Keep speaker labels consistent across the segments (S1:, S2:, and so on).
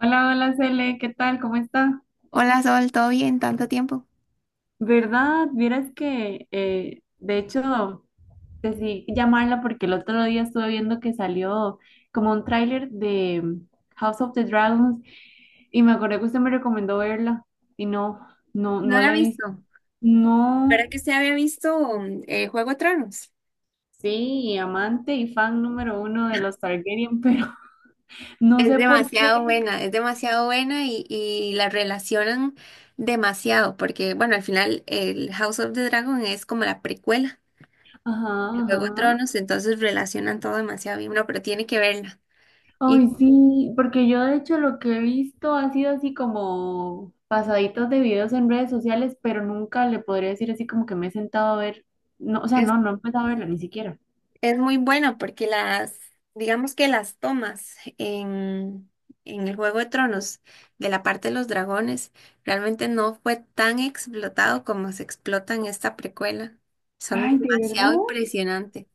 S1: Hola, hola, Cele, ¿qué tal? ¿Cómo está?
S2: Hola Sol, ¿todo bien? ¿Tanto tiempo?
S1: ¿Verdad? Vieras que, de hecho, decidí llamarla porque el otro día estuve viendo que salió como un tráiler de House of the Dragons y me acordé que usted me recomendó verla y no, no,
S2: No
S1: no
S2: la he
S1: la he visto.
S2: visto. ¿Verdad
S1: No,
S2: que usted había visto Juego de Tronos?
S1: sí, amante y fan número uno de los Targaryen, pero no sé por qué.
S2: Es demasiado buena y la relacionan demasiado, porque bueno, al final el House of the Dragon es como la precuela
S1: Ajá,
S2: de Juego de
S1: ajá.
S2: Tronos, entonces relacionan todo demasiado bien, no, pero tiene que verla.
S1: Ay,
S2: Y
S1: sí, porque yo de hecho lo que he visto ha sido así como pasaditos de videos en redes sociales, pero nunca le podría decir así como que me he sentado a ver, no, o sea,
S2: es
S1: no, no he empezado a verla ni siquiera.
S2: Es muy bueno porque digamos que las tomas en el Juego de Tronos de la parte de los dragones realmente no fue tan explotado como se explota en esta precuela. Son
S1: Ay, ¿de verdad?
S2: demasiado impresionantes.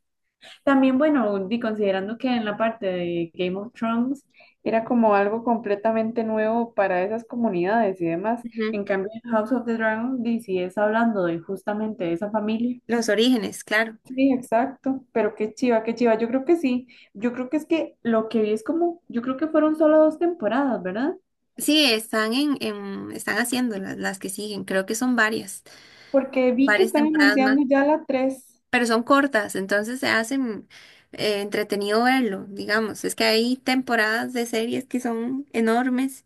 S1: También, bueno, considerando que en la parte de Game of Thrones, era como algo completamente nuevo para esas comunidades y demás.
S2: Ujú.
S1: En cambio en House of the Dragon, di, si es hablando de justamente de esa familia.
S2: Los orígenes, claro.
S1: Sí, exacto, pero qué chiva, yo creo que sí, yo creo que es que lo que vi es como, yo creo que fueron solo dos temporadas, ¿verdad?
S2: Sí, están están haciendo las que siguen. Creo que son
S1: Porque vi que
S2: varias
S1: están
S2: temporadas más,
S1: anunciando ya la tres,
S2: pero son cortas, entonces se hacen entretenido verlo, digamos. Es que hay temporadas de series que son enormes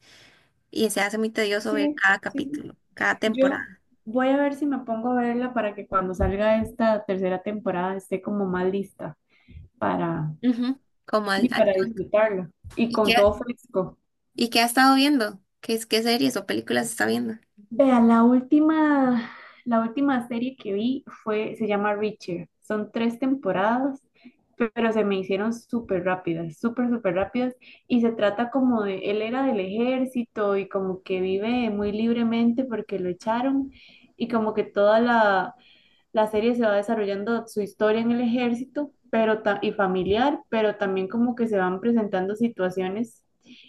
S2: y se hace muy tedioso ver
S1: sí,
S2: cada
S1: sí.
S2: capítulo, cada
S1: Yo
S2: temporada.
S1: voy a ver si me pongo a verla para que cuando salga esta tercera temporada esté como más lista para,
S2: Ujú. Como
S1: y
S2: al
S1: para
S2: tanto.
S1: disfrutarla y
S2: ¿Y qué,
S1: con todo fresco.
S2: y qué ha estado viendo? ¿Qué, qué series o películas está viendo?
S1: Vea la última serie que vi fue, se llama Reacher. Son tres temporadas, pero se me hicieron súper rápidas, súper, súper rápidas. Y se trata como de, él era del ejército y como que vive muy libremente porque lo echaron y como que toda la serie se va desarrollando su historia en el ejército, pero y familiar, pero también como que se van presentando situaciones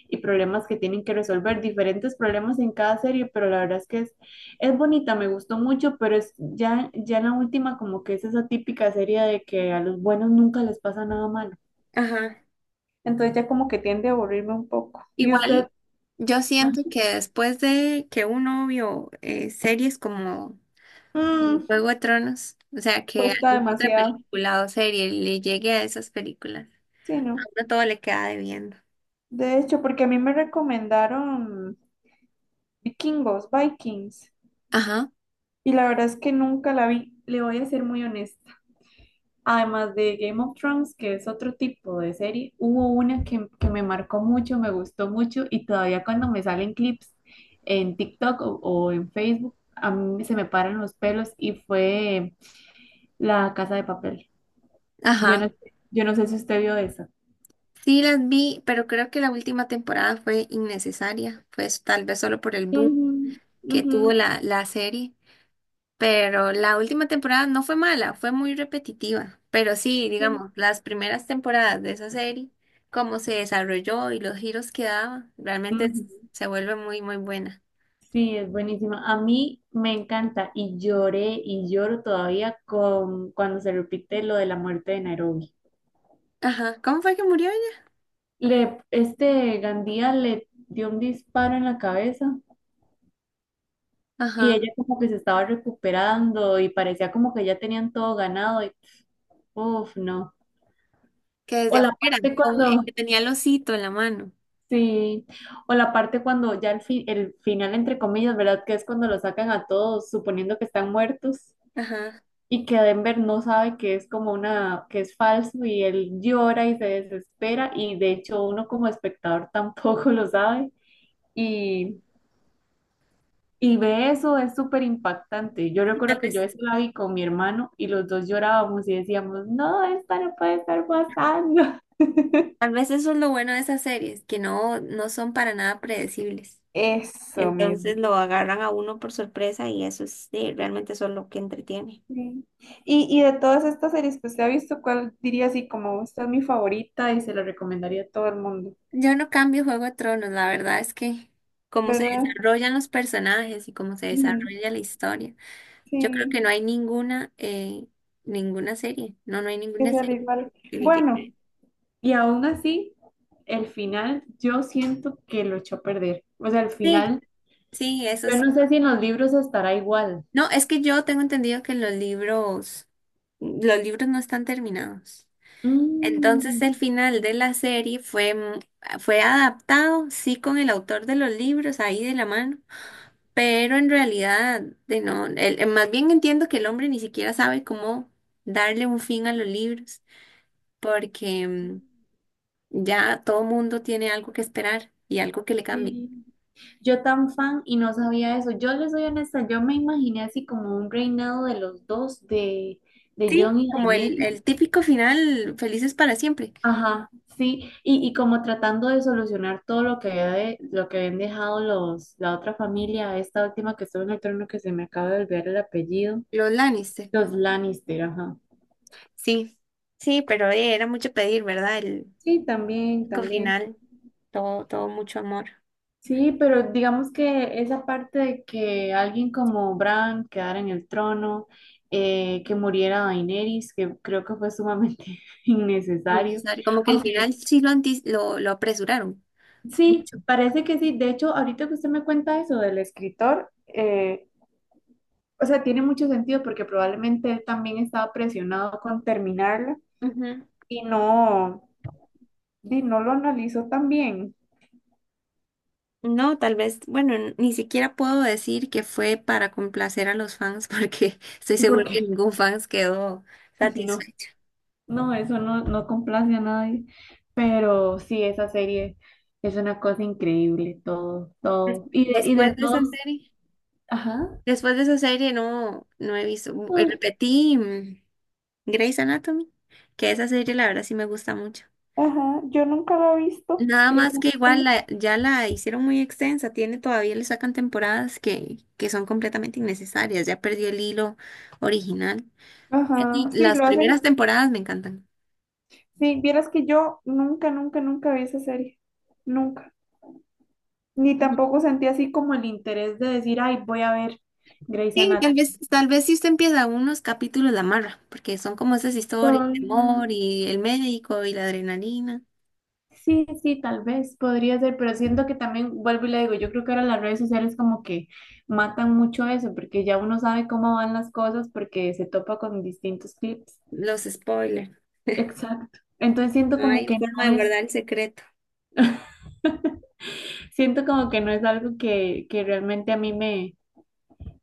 S1: y problemas que tienen que resolver, diferentes problemas en cada serie, pero la verdad es que es bonita, me gustó mucho, pero es ya, ya en la última como que es esa típica serie de que a los buenos nunca les pasa nada malo.
S2: Ajá.
S1: Entonces ya como que tiende a aburrirme un poco. ¿Y usted?
S2: Igual, yo siento que después de que uno vio series como
S1: Mm,
S2: Juego de Tronos, o sea, que
S1: Cuesta
S2: alguna otra
S1: demasiado.
S2: película o serie le llegue a esas películas, a
S1: Sí, ¿no?
S2: uno todo le queda debiendo.
S1: De hecho, porque a mí me recomendaron Vikingos, Vikings.
S2: Ajá,
S1: Y la verdad es que nunca la vi, le voy a ser muy honesta. Además de Game of Thrones, que es otro tipo de serie, hubo una que me marcó mucho, me gustó mucho y todavía cuando me salen clips en TikTok o en Facebook, a mí se me paran los pelos y fue La Casa de Papel. Yo no,
S2: ajá.
S1: yo no sé si usted vio esa.
S2: Sí las vi, pero creo que la última temporada fue innecesaria, pues tal vez solo por el boom
S1: Ujú,
S2: que tuvo la serie, pero la última temporada no fue mala, fue muy repetitiva, pero sí,
S1: sí,
S2: digamos, las primeras temporadas de esa serie, cómo se desarrolló y los giros que daba, realmente
S1: ujú.
S2: se vuelve muy, muy buena.
S1: Sí, es buenísima. A mí me encanta y lloré y lloro todavía con cuando se repite lo de la muerte de Nairobi.
S2: Ajá, ¿cómo fue que murió ella?
S1: Le, este Gandía le dio un disparo en la cabeza y
S2: Ajá,
S1: ella como que se estaba recuperando y parecía como que ya tenían todo ganado y uff, no.
S2: que
S1: O
S2: desde
S1: la
S2: afuera,
S1: parte cuando,
S2: que tenía el osito en la mano.
S1: sí, o la parte cuando ya el final entre comillas, ¿verdad? Que es cuando lo sacan a todos suponiendo que están muertos.
S2: Ajá,
S1: Y que Denver no sabe que es como una, que es falso y él llora y se desespera y de hecho uno como espectador tampoco lo sabe y, y ve eso, es súper impactante. Yo
S2: y
S1: recuerdo que yo eso la vi con mi hermano y los dos llorábamos y decíamos, no, esta no puede estar pasando.
S2: tal vez eso es lo bueno de esas series, que no, no son para nada predecibles.
S1: Eso
S2: Entonces
S1: mismo.
S2: lo agarran a uno por sorpresa y eso es, sí, realmente eso es lo que entretiene.
S1: Sí. Y de todas estas series que usted ha visto, ¿cuál diría así como esta es mi favorita y se la recomendaría a todo el mundo?
S2: Yo no cambio Juego de Tronos, la verdad es que cómo se
S1: ¿Verdad?
S2: desarrollan los personajes y cómo se
S1: Ujú.
S2: desarrolla la historia. Yo creo
S1: Sí.
S2: que no hay ninguna serie. No, no hay
S1: Es
S2: ninguna
S1: el
S2: serie
S1: igual.
S2: que le
S1: Bueno,
S2: llegue.
S1: y aún así, el final yo siento que lo echó a perder. O sea, el
S2: Sí,
S1: final,
S2: sí, eso
S1: yo
S2: sí.
S1: no sé si en los libros estará igual.
S2: No, es que yo tengo entendido que los libros no están terminados. Entonces
S1: Mm,
S2: el final de la serie fue, fue adaptado, sí, con el autor de los libros ahí de la mano. Pero en realidad, de no, más bien entiendo que el hombre ni siquiera sabe cómo darle un fin a los libros, porque ya todo mundo tiene algo que esperar y algo que le cambie.
S1: sí. Yo tan fan y no sabía eso. Yo les soy honesta, yo me imaginé así como un reinado de los dos, de
S2: Sí,
S1: John y
S2: como
S1: Daenerys.
S2: el típico final, felices para siempre,
S1: Ajá, sí, y como tratando de solucionar todo lo que habían dejado los, la otra familia, esta última que estuvo en el trono que se me acaba de olvidar el apellido.
S2: los Lannister.
S1: Los Lannister, ajá.
S2: Sí, sí, pero era mucho pedir, ¿verdad? El
S1: Sí, también,
S2: típico
S1: también.
S2: final, todo, todo mucho amor
S1: Sí, pero digamos que esa parte de que alguien como Bran quedara en el trono, que muriera Daenerys, que creo que fue sumamente innecesario.
S2: necesario. Como que el final
S1: Aunque
S2: sí lo, lo apresuraron.
S1: sí,
S2: Mucho.
S1: parece que sí. De hecho, ahorita que usted me cuenta eso del escritor, o sea, tiene mucho sentido porque probablemente él también estaba presionado con terminarla y no, y no lo analizó tan bien,
S2: No, tal vez, bueno, ni siquiera puedo decir que fue para complacer a los fans porque estoy seguro
S1: porque
S2: que ningún fans quedó
S1: no.
S2: satisfecho.
S1: No, eso no, no complace a nadie, pero sí, esa serie es una cosa increíble, todo, todo. Y de, y
S2: Después
S1: de
S2: de esa
S1: todos,
S2: serie,
S1: ajá,
S2: después de esa serie no, no he visto,
S1: ah,
S2: repetí Grey's Anatomy, que esa serie la verdad sí me gusta mucho.
S1: ajá, yo nunca lo he visto.
S2: Nada
S1: creo
S2: más
S1: que-
S2: que igual
S1: sí.
S2: ya la hicieron muy extensa, tiene todavía le sacan temporadas que son completamente innecesarias, ya perdió el hilo original. Sí,
S1: Ajá, sí,
S2: las
S1: lo hacen.
S2: primeras temporadas me encantan.
S1: Sí, vieras que yo nunca, nunca, nunca vi esa serie. Nunca. Ni tampoco sentí así como el interés de decir, ay, voy a ver Grey's
S2: Sí,
S1: Anatomy.
S2: tal vez si usted empieza unos capítulos la amarra, porque son como esas historias, el
S1: No.
S2: amor y el médico y la adrenalina,
S1: Sí, sí, tal vez podría ser, pero siento que también, vuelvo y le digo, yo creo que ahora las redes sociales como que matan mucho eso, porque ya uno sabe cómo van las cosas porque se topa con distintos clips.
S2: los spoilers.
S1: Exacto. Entonces siento
S2: No
S1: como
S2: hay
S1: que
S2: forma
S1: no
S2: de
S1: es,
S2: guardar el secreto.
S1: siento como que no es algo que realmente a mí me,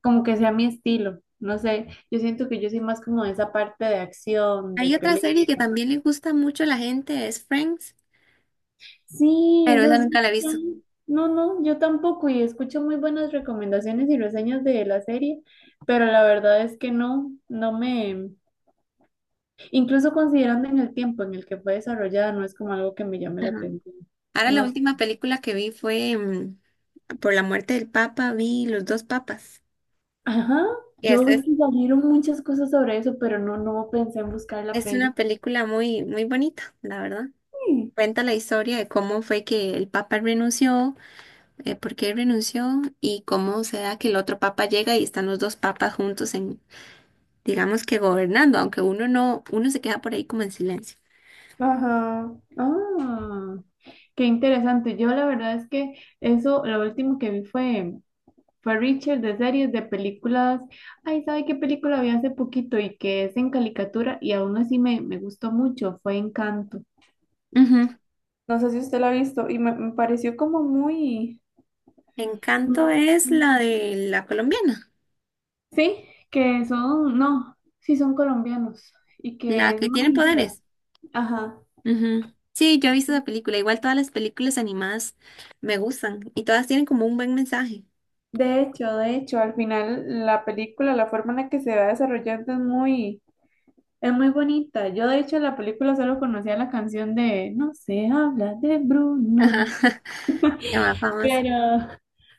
S1: como que sea mi estilo. No sé, yo siento que yo soy más como de esa parte de acción, de
S2: Hay otra
S1: pelea.
S2: serie que también le gusta mucho a la gente, es Friends,
S1: Sí,
S2: pero
S1: eso
S2: esa nunca
S1: sí.
S2: la he visto.
S1: No, no, yo tampoco y escucho muy buenas recomendaciones y reseñas de la serie, pero la verdad es que no, no me, incluso considerando en el tiempo en el que fue desarrollada, no es como algo que me llame la
S2: Ajá.
S1: atención.
S2: Ahora la
S1: No, sé.
S2: última película que vi fue, por la muerte del Papa, vi Los dos Papas.
S1: Ajá,
S2: Y
S1: yo
S2: esa
S1: vi que salieron muchas cosas sobre eso, pero no, no pensé en buscar la
S2: es una
S1: peli.
S2: película muy, muy bonita, la verdad.
S1: Mm,
S2: Cuenta la historia de cómo fue que el Papa renunció, por qué renunció y cómo se da que el otro papa llega y están los dos papas juntos en, digamos que gobernando, aunque uno no, uno se queda por ahí como en silencio.
S1: ajá, ah, qué interesante. Yo la verdad es que eso, lo último que vi fue Richard de series, de películas. Ay, ¿sabe qué película vi hace poquito y que es en caricatura y aún así me gustó mucho? Fue Encanto.
S2: Ujú.
S1: No sé si usted la ha visto y me pareció como muy...
S2: Encanto
S1: Mm,
S2: es la de la colombiana,
S1: sí, que son, no, sí son colombianos y
S2: la
S1: que es
S2: que tiene
S1: mágica.
S2: poderes.
S1: Ajá.
S2: Ujú. Sí, yo he visto esa película. Igual todas las películas animadas me gustan y todas tienen como un buen mensaje.
S1: De hecho, al final la película, la forma en la que se va desarrollando es muy bonita. Yo de hecho la película solo conocía la canción de No se habla de
S2: Ajá.
S1: Bruno.
S2: La más famosa.
S1: Pero,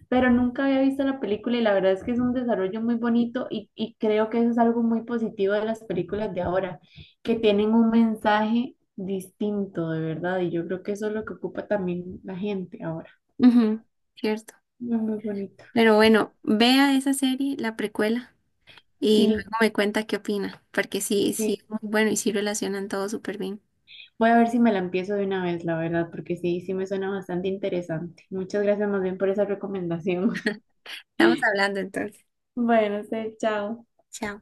S1: pero nunca había visto la película y la verdad es que es un desarrollo muy bonito y creo que eso es algo muy positivo de las películas de ahora, que tienen un mensaje distinto de verdad y yo creo que eso es lo que ocupa también la gente ahora.
S2: Ujú, cierto.
S1: Muy, muy bonito.
S2: Pero bueno, vea esa serie, la precuela, y luego
S1: Sí,
S2: me cuenta qué opina, porque sí, sí,
S1: sí.
S2: es muy bueno y sí relacionan todo súper bien.
S1: Voy a ver si me la empiezo de una vez, la verdad, porque sí, sí me suena bastante interesante. Muchas gracias más bien por esa recomendación.
S2: Estamos hablando entonces.
S1: Bueno, sí, chao.
S2: Chao.